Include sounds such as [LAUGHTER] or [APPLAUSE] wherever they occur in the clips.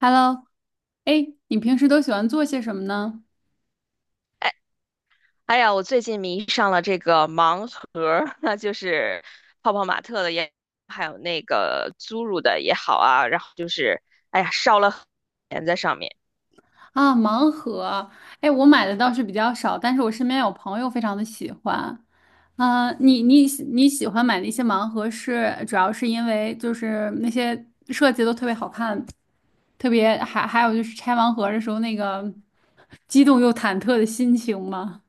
Hello，哎，你平时都喜欢做些什么呢？哎，哎呀，我最近迷上了这个盲盒儿，[LAUGHS] 那就是泡泡玛特的也，还有那个侏儒的也好啊，然后就是哎呀，烧了钱在上面。啊，盲盒，哎，我买的倒是比较少，但是我身边有朋友非常的喜欢。啊，你喜欢买那些盲盒是主要是因为就是那些设计都特别好看，特别还有就是拆盲盒的时候那个激动又忐忑的心情吗？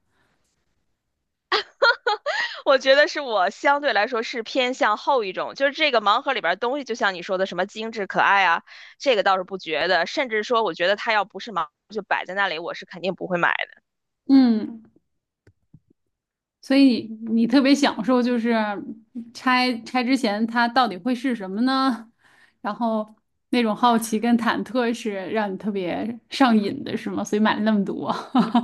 我觉得是我相对来说是偏向后一种，就是这个盲盒里边儿东西，就像你说的什么精致可爱啊，这个倒是不觉得，甚至说我觉得它要不是盲盒就摆在那里，我是肯定不会买。嗯。所以你特别享受，就是拆之前它到底会是什么呢？然后那种好奇跟忐忑是让你特别上瘾的，是吗？所以买了那么多。[LAUGHS]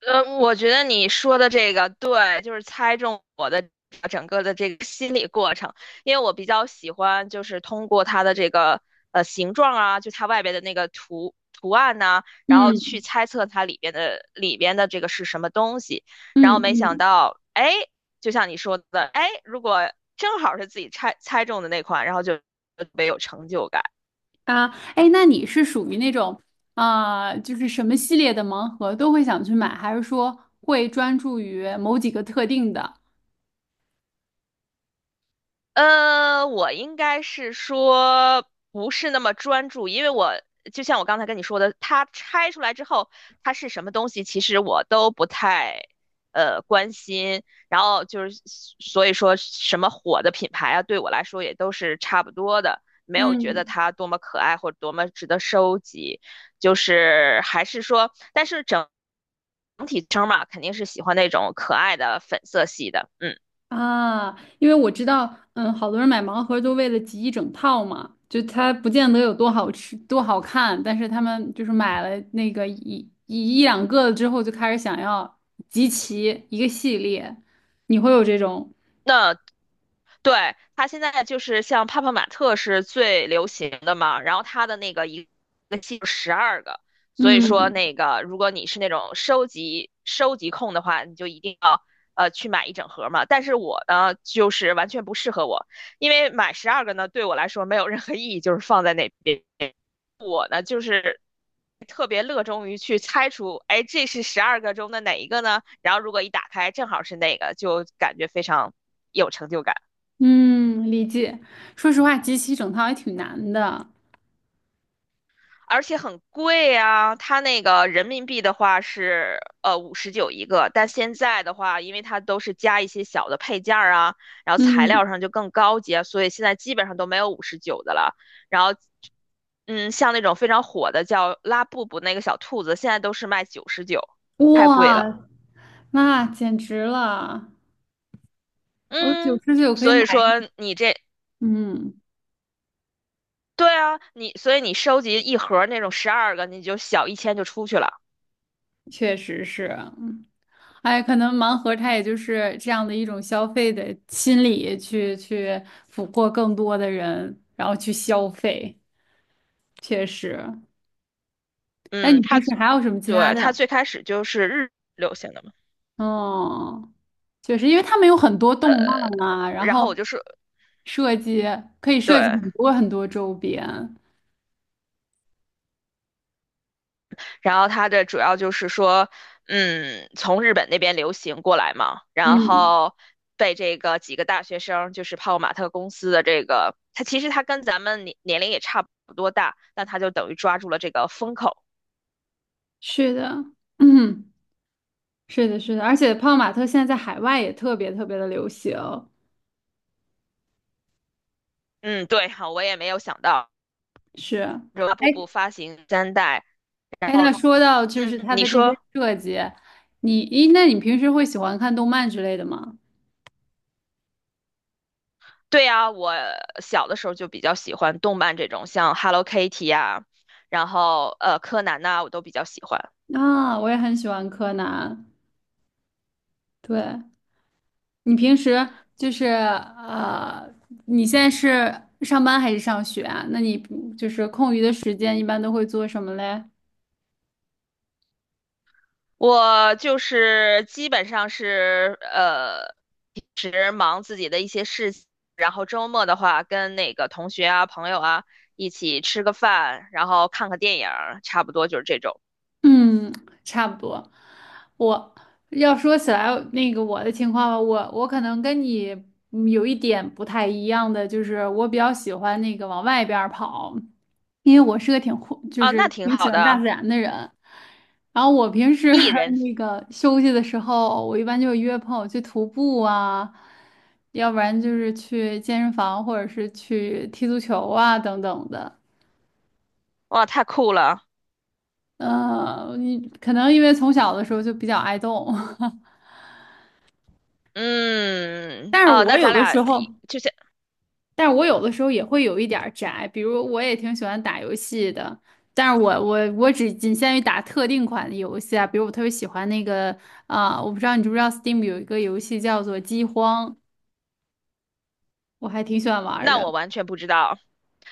我觉得你说的这个对，就是猜中我的整个的这个心理过程，因为我比较喜欢就是通过它的这个形状啊，就它外边的那个图图案呐、然后嗯去猜测它里边的这个是什么东西，然后嗯没想嗯到，哎，就像你说的，哎，如果正好是自己猜中的那款，然后就特别有成就感。啊，哎，那你是属于那种啊、就是什么系列的盲盒都会想去买，还是说会专注于某几个特定的？我应该是说不是那么专注，因为我就像我刚才跟你说的，它拆出来之后，它是什么东西，其实我都不太关心。然后就是所以说什么火的品牌啊，对我来说也都是差不多的，没有觉得嗯它多么可爱或者多么值得收集。就是还是说，但是整体称嘛，肯定是喜欢那种可爱的粉色系的。嗯，啊，因为我知道，嗯，好多人买盲盒都为了集一整套嘛，就它不见得有多好吃、多好看，但是他们就是买了那个一两个之后，就开始想要集齐一个系列。你会有这种，那对，它现在就是像泡泡玛特是最流行的嘛，然后它的那个一个系十二个，所以说嗯那个如果你是那种收集控的话，你就一定要去买一整盒嘛。但是我呢，就是完全不适合我，因为买十二个呢对我来说没有任何意义，就是放在那边。我呢就是特别乐衷于去猜出，哎，这是十二个中的哪一个呢？然后如果一打开正好是那个，就感觉非常有成就感。嗯，理解。说实话，集齐一整套也挺难的。而且很贵啊，它那个人民币的话是五十九一个，但现在的话，因为它都是加一些小的配件儿啊，然后材嗯，料上就更高级啊，所以现在基本上都没有五十九的了。然后，嗯，像那种非常火的叫拉布布那个小兔子，现在都是卖99，太贵了。哇，那简直了！我九嗯，十九可以所买，以说你这，嗯。对啊，你所以你收集一盒儿那种十二个，你就小1000就出去了。确实是，嗯哎，可能盲盒它也就是这样的一种消费的心理去，去俘获更多的人，然后去消费，确实。那嗯，你平他时还有什么其他对他的？最开始就是日流行的嘛，哦，确实，因为他们有很多动漫啊，然然后我后就是设计可以设计对，很多很多周边。然后他的主要就是说，嗯，从日本那边流行过来嘛，然嗯，后被这个几个大学生，就是泡泡玛特公司的这个，他其实他跟咱们年龄也差不多大，但他就等于抓住了这个风口。是的，嗯，是的，是的，而且泡泡玛特现在在海外也特别特别的流行。嗯，对，好，我也没有想到，是，然后哎，步步发行3代，然哎，后那说到就嗯，是它你的这些说。设计，你，咦，那你平时会喜欢看动漫之类的吗？对啊，我小的时候就比较喜欢动漫这种，像 Hello Kitty 呀、然后柯南呐、我都比较喜欢。啊，我也很喜欢柯南。对，你平时就是你现在是上班还是上学啊？那你就是空余的时间一般都会做什么嘞？我就是基本上是平时忙自己的一些事情，然后周末的话跟那个同学啊、朋友啊一起吃个饭，然后看个电影儿，差不多就是这种嗯，差不多。我要说起来那个我的情况吧，我可能跟你嗯有一点不太一样的，就是我比较喜欢那个往外边儿跑，因为我是个就啊，是那挺挺喜好欢大自的。然的人。然后我平时 艺人，[LAUGHS] 那个休息的时候，我一般就约朋友去徒步啊，要不然就是去健身房，或者是去踢足球啊等等的。哇，太酷了。你可能因为从小的时候就比较爱动，[LAUGHS] 嗯，但是哦，我那有咱的俩时候，就像，但是我有的时候也会有一点儿宅，比如我也挺喜欢打游戏的，但是我只仅限于打特定款的游戏啊，比如我特别喜欢那个啊、我不知道你知不知道 Steam 有一个游戏叫做《饥荒》，我还挺喜欢玩儿那我的，完全不知道。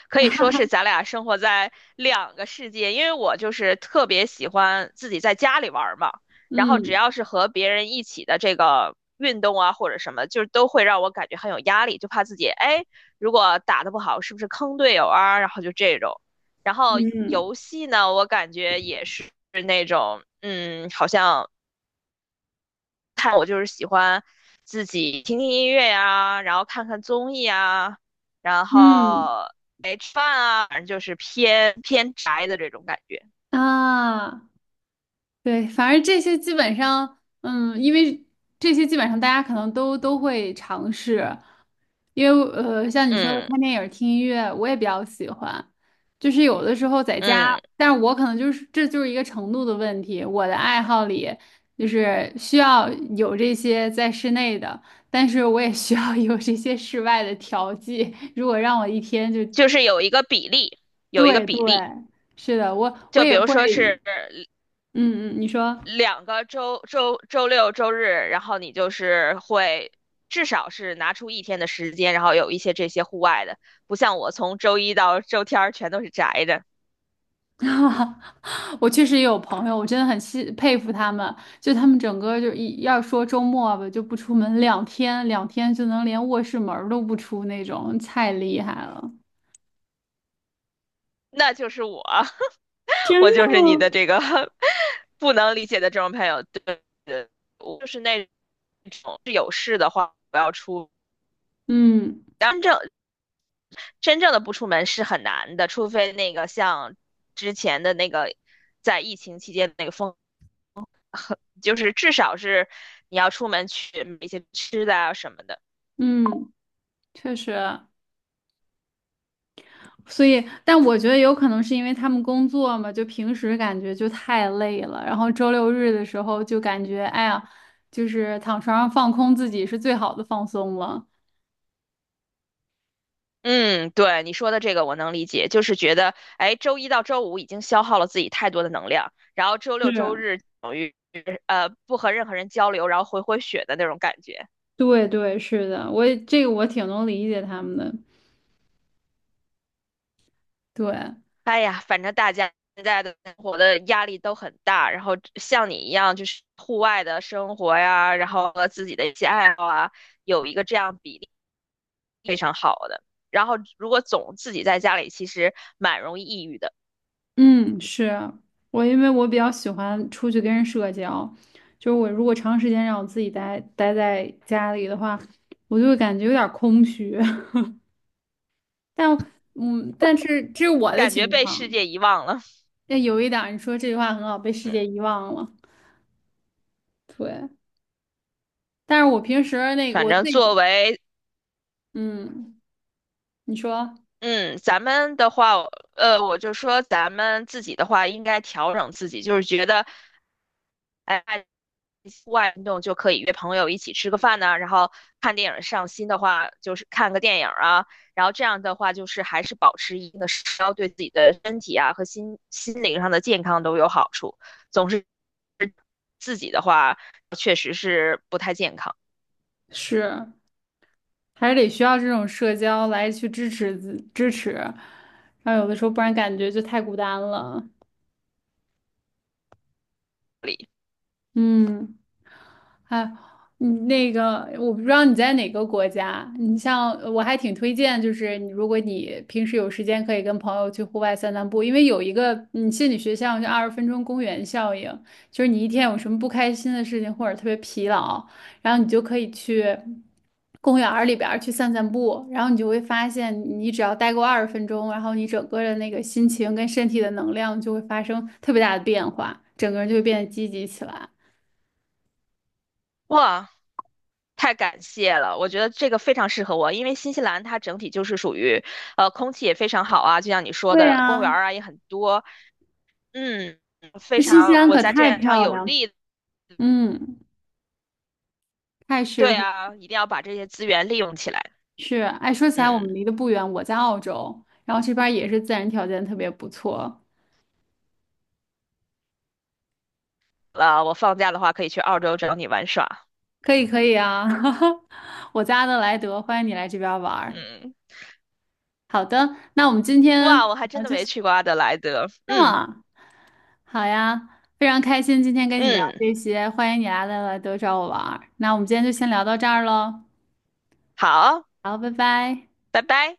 可以说是咱俩生活在两个世界，因为我就是特别喜欢自己在家里玩儿嘛，然后只嗯要是和别人一起的这个运动啊或者什么，就是都会让我感觉很有压力，就怕自己哎，如果打的不好，是不是坑队友啊？然后就这种，然后嗯游戏呢，我感觉也是那种，嗯，好像。自己听听音乐呀，然后看看综艺啊，然嗯后哎吃饭啊，反正就是偏偏宅的这种感觉。啊。对，反正这些基本上，嗯，因为这些基本上大家可能都会尝试，因为像你说的嗯看电影、听音乐，我也比较喜欢。就是有的时候在家，嗯，但是我可能就是就是一个程度的问题。我的爱好里就是需要有这些在室内的，但是我也需要有这些室外的调剂。如果让我一天就，就是有一个比例，有一个对比对，例，是的，我就也比会，如说是嗯嗯，你说。两个周六周日，然后你就是会。至少是拿出一天的时间，然后有一些这些户外的，不像我从周一到周天儿全都是宅的，[LAUGHS] 我确实也有朋友，我真的很佩服他们，就他们整个就一要说周末吧，就不出门两天，两天就能连卧室门儿都不出那种，太厉害了。那就是我。真我的就是你的吗？这个 [LAUGHS] 不能理解的这种朋友。对对，我就是那种是有事的话不要出，嗯真正真正的不出门是很难的，除非那个像之前的那个在疫情期间的那个风，就是至少是你要出门去买一些吃的啊什么的。嗯，确实，所以，但我觉得有可能是因为他们工作嘛，就平时感觉就太累了，然后周六日的时候就感觉，哎呀，就是躺床上放空自己是最好的放松了。嗯，对，你说的这个我能理解，就是觉得，哎，周一到周五已经消耗了自己太多的能量，然后周六周是，日等于不和任何人交流，然后回血的那种感觉。对对，是的，我也我挺能理解他们的。对，哎呀，反正大家现在的生活的压力都很大，然后像你一样，就是户外的生活呀，然后和自己的一些爱好啊，有一个这样比例非常好的。然后如果总自己在家里，其实蛮容易抑郁的，嗯，是我，因为我比较喜欢出去跟人社交，就是我如果长时间让我自己待在家里的话，我就会感觉有点儿空虚。[LAUGHS] 但嗯，但是这是我的感觉情被世况。界遗忘了。那有一点儿你说这句话很好，被世嗯，界遗忘了。对，但是我平时那个反我自正作己，为嗯，你说嗯咱们的话，我就说咱们自己的话，应该调整自己，就是觉得。哎，户外运动就可以约朋友一起吃个饭呐、啊然后看电影上新的话就是看个电影啊，然后这样的话就是还是保持一定的社交，对自己的身体啊和心灵上的健康都有好处。总是自己的话，确实是不太健康是。还是得需要这种社交来去支持，然后有的时候不然感觉就太孤单了。里。嗯。哎，你那个我不知道你在哪个国家，你像我还挺推荐，就是你如果你平时有时间，可以跟朋友去户外散散步，因为有一个心理学项叫二十分钟公园效应，就是你一天有什么不开心的事情或者特别疲劳，然后你就可以去公园儿里边儿去散散步，然后你就会发现，你只要待够二十分钟，然后你整个的那个心情跟身体的能量就会发生特别大的变化，整个人就会变得积极起来。哇，太感谢了，我觉得这个非常适合我，因为新西兰它整体就是属于，空气也非常好啊，就像你说对的，公园呀，儿啊也很多，嗯，非那新西常，兰我可在这太点上漂有亮了，利嗯，太适对合。啊，一定要把这些资源利用起来。是，哎，说起来我们嗯，离得不远，我在澳洲，然后这边儿也是自然条件特别不错，啊，我放假的话可以去澳洲找你玩耍。可以可以啊，[LAUGHS] 我在阿德莱德，欢迎你来这边儿玩儿。嗯，好的，那我们今天哇，我还啊真的就没先去过阿德莱德。这嗯么，好呀，非常开心今天跟你聊嗯，这些，欢迎你来阿德莱德找我玩儿。那我们今天就先聊到这儿喽，好，好，拜拜。拜拜。